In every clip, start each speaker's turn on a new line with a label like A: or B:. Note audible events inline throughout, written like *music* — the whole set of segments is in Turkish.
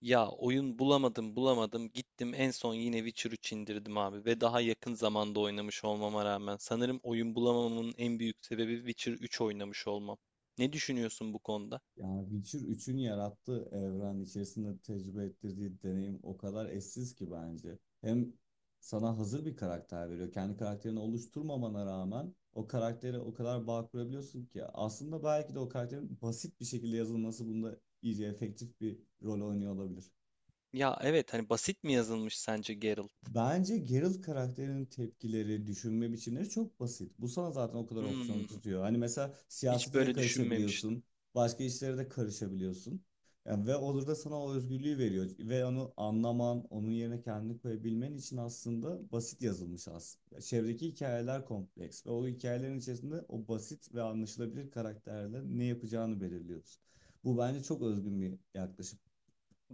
A: Ya oyun bulamadım bulamadım gittim en son yine Witcher 3 indirdim abi ve daha yakın zamanda oynamış olmama rağmen sanırım oyun bulamamamın en büyük sebebi Witcher 3 oynamış olmam. Ne düşünüyorsun bu konuda?
B: Yani Witcher üçün yarattığı evren içerisinde tecrübe ettirdiği deneyim o kadar eşsiz ki bence. Hem sana hazır bir karakter veriyor. Kendi karakterini oluşturmamana rağmen o karaktere o kadar bağ kurabiliyorsun ki. Aslında belki de o karakterin basit bir şekilde yazılması bunda iyice efektif bir rol oynuyor olabilir.
A: Ya evet hani basit mi yazılmış sence Geralt?
B: Bence Geralt karakterinin tepkileri, düşünme biçimleri çok basit. Bu sana zaten o kadar opsiyon
A: Hmm,
B: tutuyor. Hani mesela
A: hiç
B: siyasete de
A: böyle düşünmemiştim.
B: karışabiliyorsun, başka işlere de karışabiliyorsun. Yani ve olur da sana o özgürlüğü veriyor. Ve onu anlaman, onun yerine kendini koyabilmen için aslında basit yazılmış aslında. Çevredeki hikayeler kompleks ve o hikayelerin içerisinde o basit ve anlaşılabilir karakterle ne yapacağını belirliyorsun. Bu bence çok özgün bir yaklaşım.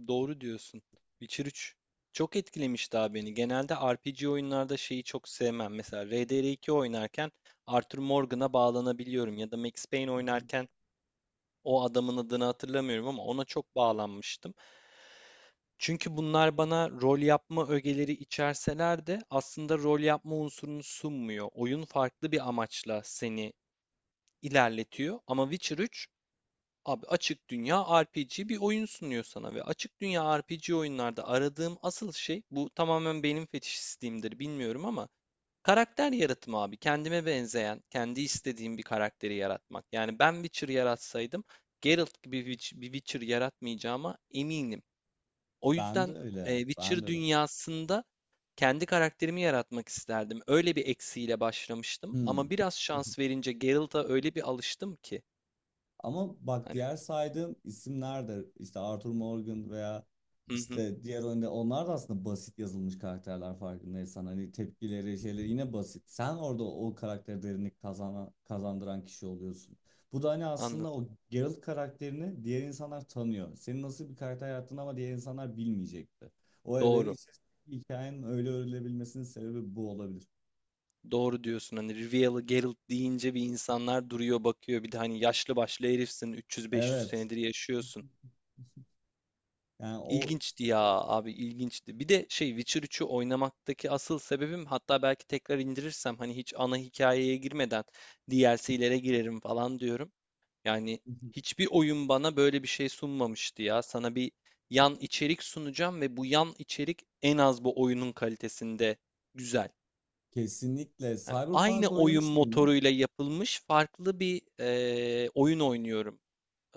A: Doğru diyorsun. Witcher 3 çok etkilemiş daha beni. Genelde RPG oyunlarda şeyi çok sevmem. Mesela RDR2 oynarken Arthur Morgan'a bağlanabiliyorum ya da Max Payne
B: *laughs*
A: oynarken o adamın adını hatırlamıyorum ama ona çok bağlanmıştım. Çünkü bunlar bana rol yapma ögeleri içerseler de aslında rol yapma unsurunu sunmuyor. Oyun farklı bir amaçla seni ilerletiyor ama Witcher 3 abi açık dünya RPG bir oyun sunuyor sana ve açık dünya RPG oyunlarda aradığım asıl şey bu, tamamen benim fetişistliğimdir bilmiyorum ama karakter yaratımı abi. Kendime benzeyen, kendi istediğim bir karakteri yaratmak. Yani ben Witcher yaratsaydım Geralt gibi bir bir Witcher yaratmayacağıma eminim. O
B: Ben de
A: yüzden
B: öyle, ben de
A: Witcher
B: öyle.
A: dünyasında kendi karakterimi yaratmak isterdim. Öyle bir eksiğiyle başlamıştım
B: Hmm.
A: ama biraz şans verince Geralt'a öyle bir alıştım ki
B: Ama bak
A: hani,
B: diğer saydığım isimler de işte Arthur Morgan veya
A: hı hı,
B: işte diğer önde onlar da aslında basit yazılmış karakterler farkındaysan hani tepkileri şeyleri yine basit. Sen orada o karaktere derinlik kazandıran kişi oluyorsun. Bu da hani aslında
A: anladım.
B: o Geralt karakterini diğer insanlar tanıyor. Senin nasıl bir karakter yarattığını ama diğer insanlar bilmeyecekti. O evrenin
A: Doğru.
B: içerisindeki hikayenin öyle örülebilmesinin sebebi bu olabilir.
A: Doğru diyorsun. Hani Rivieralı Geralt deyince bir insanlar duruyor bakıyor. Bir de hani yaşlı başlı herifsin, 300-500
B: Evet.
A: senedir yaşıyorsun.
B: Yani o
A: İlginçti ya abi, ilginçti. Bir de şey, Witcher üçü oynamaktaki asıl sebebim, hatta belki tekrar indirirsem hani hiç ana hikayeye girmeden DLC'lere girerim falan diyorum. Yani
B: *laughs*
A: hiçbir oyun bana böyle bir şey sunmamıştı ya. Sana bir yan içerik sunacağım ve bu yan içerik en az bu oyunun kalitesinde güzel.
B: kesinlikle.
A: Yani aynı
B: Cyberpunk
A: oyun
B: oynamış mıydın?
A: motoruyla yapılmış farklı bir oyun oynuyorum.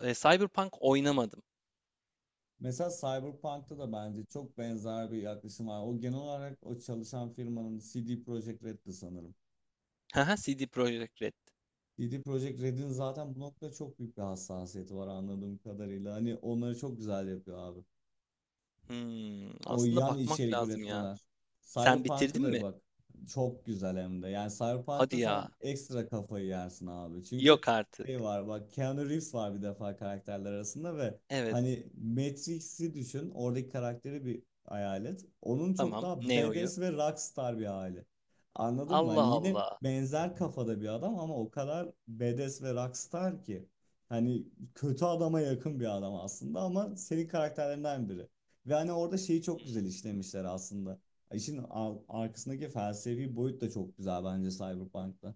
A: E, Cyberpunk oynamadım.
B: Mesela Cyberpunk'ta da bence çok benzer bir yaklaşım var. O genel olarak o çalışan firmanın CD Projekt Red'di sanırım.
A: *laughs* Haha, CD Projekt Red.
B: CD Projekt Red'in zaten bu noktada çok büyük bir hassasiyeti var anladığım kadarıyla. Hani onları çok güzel yapıyor abi.
A: Hımm.
B: O
A: Aslında
B: yan
A: bakmak
B: içerik
A: lazım ya.
B: üretmeler.
A: Sen
B: Cyberpunk'a
A: bitirdin
B: da
A: mi?
B: bak. Çok güzel hem de. Yani Cyberpunk'ta
A: Hadi
B: sen
A: ya.
B: ekstra kafayı yersin abi. Çünkü
A: Yok artık.
B: şey var bak Keanu Reeves var bir defa karakterler arasında ve
A: Evet.
B: hani Matrix'i düşün. Oradaki karakteri bir hayal et. Onun çok
A: Tamam.
B: daha
A: Neo'yu.
B: badass ve rockstar bir hali. Anladın mı? Hani
A: Allah
B: yine
A: Allah.
B: benzer kafada bir adam ama o kadar badass ve rockstar ki. Hani kötü adama yakın bir adam aslında ama senin karakterlerinden biri. Ve hani orada şeyi çok
A: Hımm.
B: güzel işlemişler aslında. İşin arkasındaki felsefi boyut da çok güzel bence Cyberpunk'ta.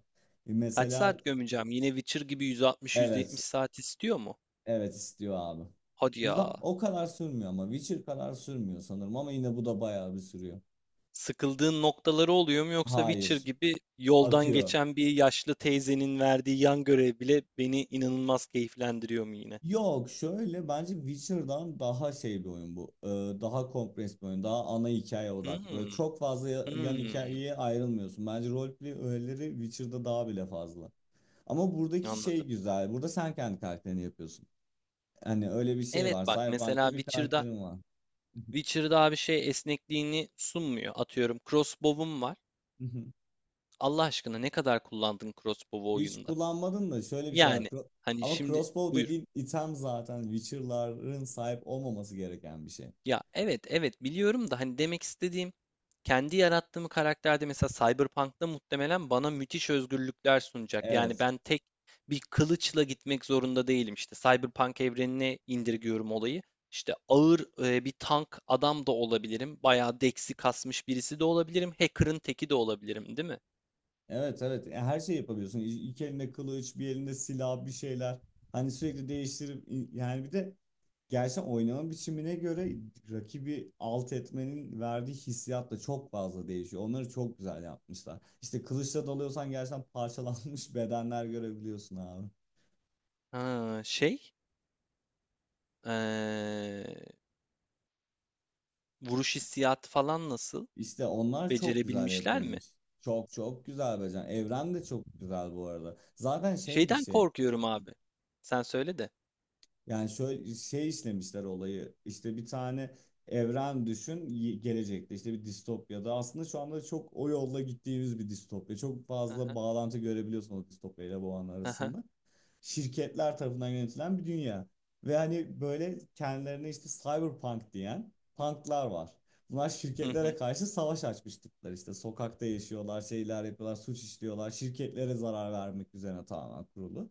A: Kaç
B: Mesela
A: saat gömeceğim? Yine Witcher gibi
B: evet,
A: 160-170 saat istiyor mu?
B: evet istiyor abi.
A: Hadi
B: Yüzde
A: ya.
B: o kadar sürmüyor ama Witcher kadar sürmüyor sanırım ama yine bu da bayağı bir sürüyor.
A: Sıkıldığın noktaları oluyor mu, yoksa Witcher
B: Hayır,
A: gibi yoldan
B: akıyor.
A: geçen bir yaşlı teyzenin verdiği yan görev bile beni inanılmaz keyiflendiriyor mu yine?
B: Yok şöyle bence Witcher'dan daha şey bir oyun bu. Daha kompres bir oyun. Daha ana hikaye odaklı. Böyle
A: Hımm.
B: çok fazla yan
A: Hımm.
B: hikayeye ayrılmıyorsun. Bence roleplay öğeleri Witcher'da daha bile fazla. Ama buradaki şey
A: Anladım.
B: güzel. Burada sen kendi karakterini yapıyorsun. Hani öyle bir şey
A: Evet
B: var.
A: bak mesela
B: Cyberpunk'ta bir
A: Witcher'da
B: karakterin var.
A: Witcher'da abi şey esnekliğini sunmuyor. Atıyorum crossbow'um var.
B: *laughs*
A: Allah aşkına ne kadar kullandın crossbow'u
B: Hiç
A: oyunda?
B: kullanmadın da şöyle bir şey var.
A: Yani
B: Cro-
A: hani
B: ama
A: şimdi
B: crossbow
A: buyur.
B: dediğin item zaten Witcher'ların sahip olmaması gereken bir şey.
A: Ya evet evet biliyorum da hani demek istediğim kendi yarattığım karakterde mesela Cyberpunk'ta muhtemelen bana müthiş özgürlükler sunacak. Yani
B: Evet.
A: ben tek bir kılıçla gitmek zorunda değilim. İşte Cyberpunk evrenine indirgiyorum olayı. İşte ağır bir tank adam da olabilirim. Bayağı deksi kasmış birisi de olabilirim. Hacker'ın teki de olabilirim, değil mi?
B: Evet, evet ya her şey yapabiliyorsun. İki elinde kılıç, bir elinde silah, bir şeyler. Hani sürekli değiştirip yani bir de gerçekten oynama biçimine göre rakibi alt etmenin verdiği hissiyat da çok fazla değişiyor. Onları çok güzel yapmışlar. İşte kılıçla dalıyorsan gerçekten parçalanmış *laughs* bedenler görebiliyorsun abi.
A: Ha, şey, eee, vuruş hissiyatı falan nasıl?
B: İşte onlar çok güzel
A: Becerebilmişler mi?
B: yapılmış. Çok çok güzel becer. Evren de çok güzel bu arada. Zaten şey bir
A: Şeyden
B: şey.
A: korkuyorum abi. Sen söyle de.
B: Yani şöyle şey işlemişler olayı. İşte bir tane evren düşün gelecekte işte bir distopyada. Aslında şu anda çok o yolla gittiğimiz bir distopya. Çok
A: Hı
B: fazla
A: hı,
B: bağlantı görebiliyorsun o distopya ile bu an
A: hı hı,
B: arasında. Şirketler tarafından yönetilen bir dünya. Ve hani böyle kendilerine işte cyberpunk diyen punklar var. Bunlar
A: hı
B: şirketlere
A: hı,
B: karşı savaş açmış tipler işte. Sokakta yaşıyorlar, şeyler yapıyorlar, suç işliyorlar. Şirketlere zarar vermek üzerine tamamen kurulu.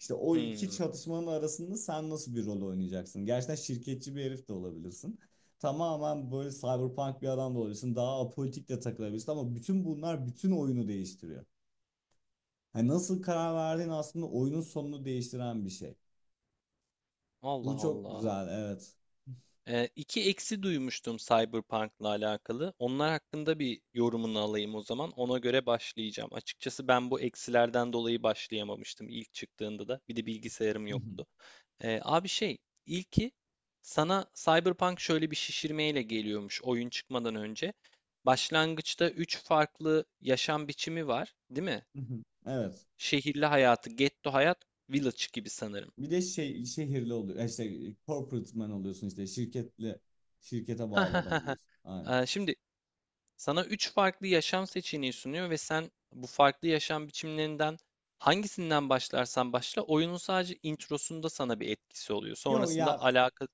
B: İşte o iki
A: hmm.
B: çatışmanın arasında sen nasıl bir rol oynayacaksın? Gerçekten şirketçi bir herif de olabilirsin. Tamamen böyle cyberpunk bir adam da olabilirsin. Daha apolitik de takılabilirsin ama bütün bunlar bütün oyunu değiştiriyor. Hani nasıl karar verdiğin aslında oyunun sonunu değiştiren bir şey.
A: Allah
B: Bu çok
A: Allah.
B: güzel, evet.
A: İki eksi duymuştum Cyberpunk'la alakalı. Onlar hakkında bir yorumunu alayım o zaman. Ona göre başlayacağım. Açıkçası ben bu eksilerden dolayı başlayamamıştım ilk çıktığında da. Bir de bilgisayarım yoktu.
B: *laughs*
A: Abi şey, ilki sana Cyberpunk şöyle bir şişirmeyle geliyormuş oyun çıkmadan önce. Başlangıçta üç farklı yaşam biçimi var, değil mi?
B: Evet.
A: Şehirli hayatı, ghetto hayat, village gibi sanırım.
B: Bir
A: *laughs*
B: de şey şehirli oluyor. İşte corporate man oluyorsun işte şirkete
A: Ha
B: bağlı adam
A: ha
B: oluyorsun. Aynen.
A: ha. Şimdi sana üç farklı yaşam seçeneği sunuyor ve sen bu farklı yaşam biçimlerinden hangisinden başlarsan başla oyunun sadece introsunda sana bir etkisi oluyor.
B: Yok
A: Sonrasında
B: ya,
A: alaka,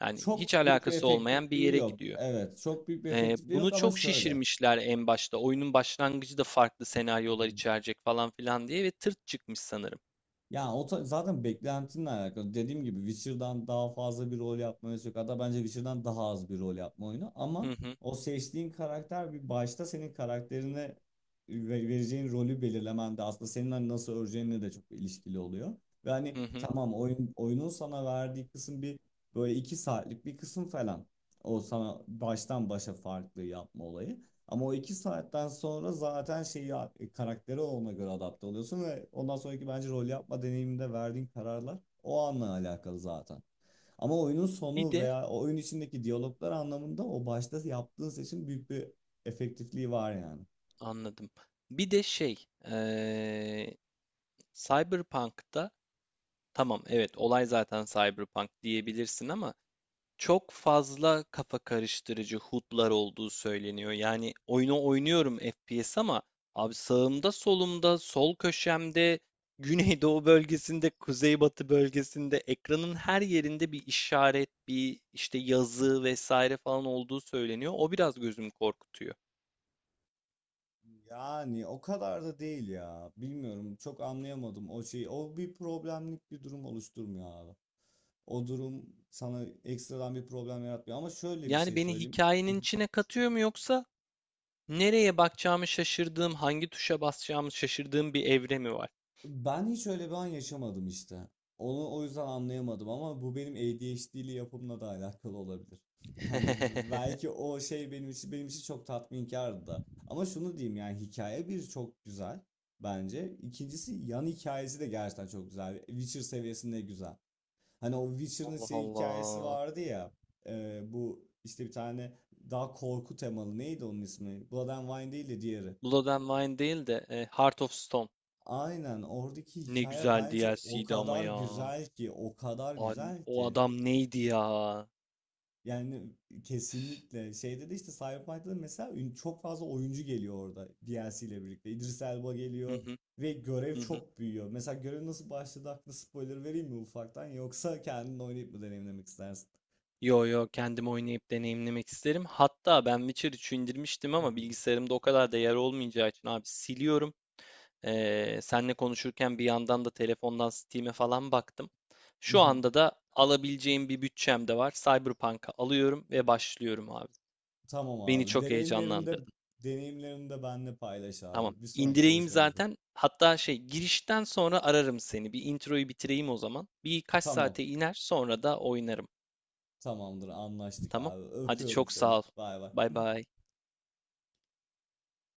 A: yani
B: çok
A: hiç
B: büyük bir
A: alakası olmayan bir
B: efektifliği
A: yere
B: yok.
A: gidiyor.
B: Evet, çok büyük bir efektifliği
A: Bunu
B: yok ama
A: çok
B: şöyle.
A: şişirmişler en başta. Oyunun başlangıcı da farklı senaryolar içerecek falan filan diye, ve tırt çıkmış sanırım.
B: Ya zaten beklentinle alakalı. Dediğim gibi Witcher'dan daha fazla bir rol yapma oyunu yok. Hatta bence Witcher'dan daha az bir rol yapma oyunu.
A: Hı
B: Ama
A: hı,
B: o seçtiğin karakter bir başta senin karakterine vereceğin rolü belirlemen de aslında senin hani nasıl öreceğinle de çok ilişkili oluyor. Ve hani
A: hı hı.
B: tamam oyunun sana verdiği kısım bir böyle iki saatlik bir kısım falan. O sana baştan başa farklı yapma olayı. Ama o iki saatten sonra zaten şeyi karakteri ona göre adapte oluyorsun ve ondan sonraki bence rol yapma deneyiminde verdiğin kararlar o anla alakalı zaten. Ama oyunun
A: Bir
B: sonu
A: de
B: veya o oyun içindeki diyaloglar anlamında o başta yaptığın seçim büyük bir efektifliği var yani.
A: anladım. Bir de şey, Cyberpunk'ta, tamam, evet, olay zaten Cyberpunk diyebilirsin ama çok fazla kafa karıştırıcı HUD'lar olduğu söyleniyor. Yani oyunu oynuyorum FPS ama abi sağımda, solumda, sol köşemde, *laughs* güneydoğu bölgesinde, kuzeybatı bölgesinde ekranın her yerinde bir işaret, bir işte yazı vesaire falan olduğu söyleniyor. O biraz gözümü korkutuyor.
B: Yani o kadar da değil ya. Bilmiyorum çok anlayamadım o şeyi. O bir problemlik bir durum oluşturmuyor abi. O durum sana ekstradan bir problem yaratmıyor. Ama şöyle bir
A: Yani
B: şey
A: beni
B: söyleyeyim.
A: hikayenin
B: *laughs*
A: içine katıyor mu, yoksa nereye bakacağımı şaşırdığım, hangi tuşa basacağımı şaşırdığım bir evre mi var?
B: Ben hiç öyle bir an yaşamadım işte. Onu o yüzden anlayamadım ama bu benim ADHD'li yapımla da alakalı olabilir. *laughs* Hani
A: *laughs*
B: belki o şey benim için çok tatminkardı da. Ama şunu diyeyim yani hikaye bir çok güzel bence. İkincisi yan hikayesi de gerçekten çok güzel. Witcher seviyesinde güzel. Hani o Witcher'ın
A: Allah
B: şey hikayesi
A: Allah.
B: vardı ya. Bu işte bir tane daha korku temalı neydi onun ismi? Blood and Wine değil de diğeri.
A: Blood and Wine değil de Heart of Stone.
B: Aynen oradaki
A: Ne
B: hikaye
A: güzel
B: bence o
A: DLC'ydi ama
B: kadar
A: ya.
B: güzel ki, o kadar güzel
A: O
B: ki.
A: adam neydi ya?
B: Yani kesinlikle şeyde de işte Cyberpunk'ta da mesela çok fazla oyuncu geliyor orada DLC ile birlikte. İdris Elba
A: Hı
B: geliyor
A: hı,
B: ve görev
A: hı hı.
B: çok büyüyor. Mesela görev nasıl başladı hakkında spoiler vereyim mi ufaktan yoksa kendin oynayıp mı deneyimlemek istersin?
A: Yo yo, kendim oynayıp deneyimlemek isterim. Hatta ben Witcher 3'ü indirmiştim
B: Hı
A: ama bilgisayarımda o kadar da yer olmayacağı için abi siliyorum. Senle konuşurken bir yandan da telefondan Steam'e falan baktım. Şu
B: hı.
A: anda da alabileceğim bir bütçem de var. Cyberpunk'a alıyorum ve başlıyorum abi.
B: Tamam
A: Beni
B: abi.
A: çok heyecanlandırdı.
B: Deneyimlerinde benimle paylaş
A: Tamam.
B: abi. Bir sonraki
A: İndireyim
B: görüşmemizde.
A: zaten. Hatta şey, girişten sonra ararım seni. Bir introyu bitireyim o zaman. Birkaç
B: Tamam.
A: saate iner, sonra da oynarım.
B: Tamamdır anlaştık
A: Tamam.
B: abi.
A: Hadi
B: Öpüyorum
A: çok
B: seni.
A: sağ ol.
B: Bay bay.
A: Bay bay.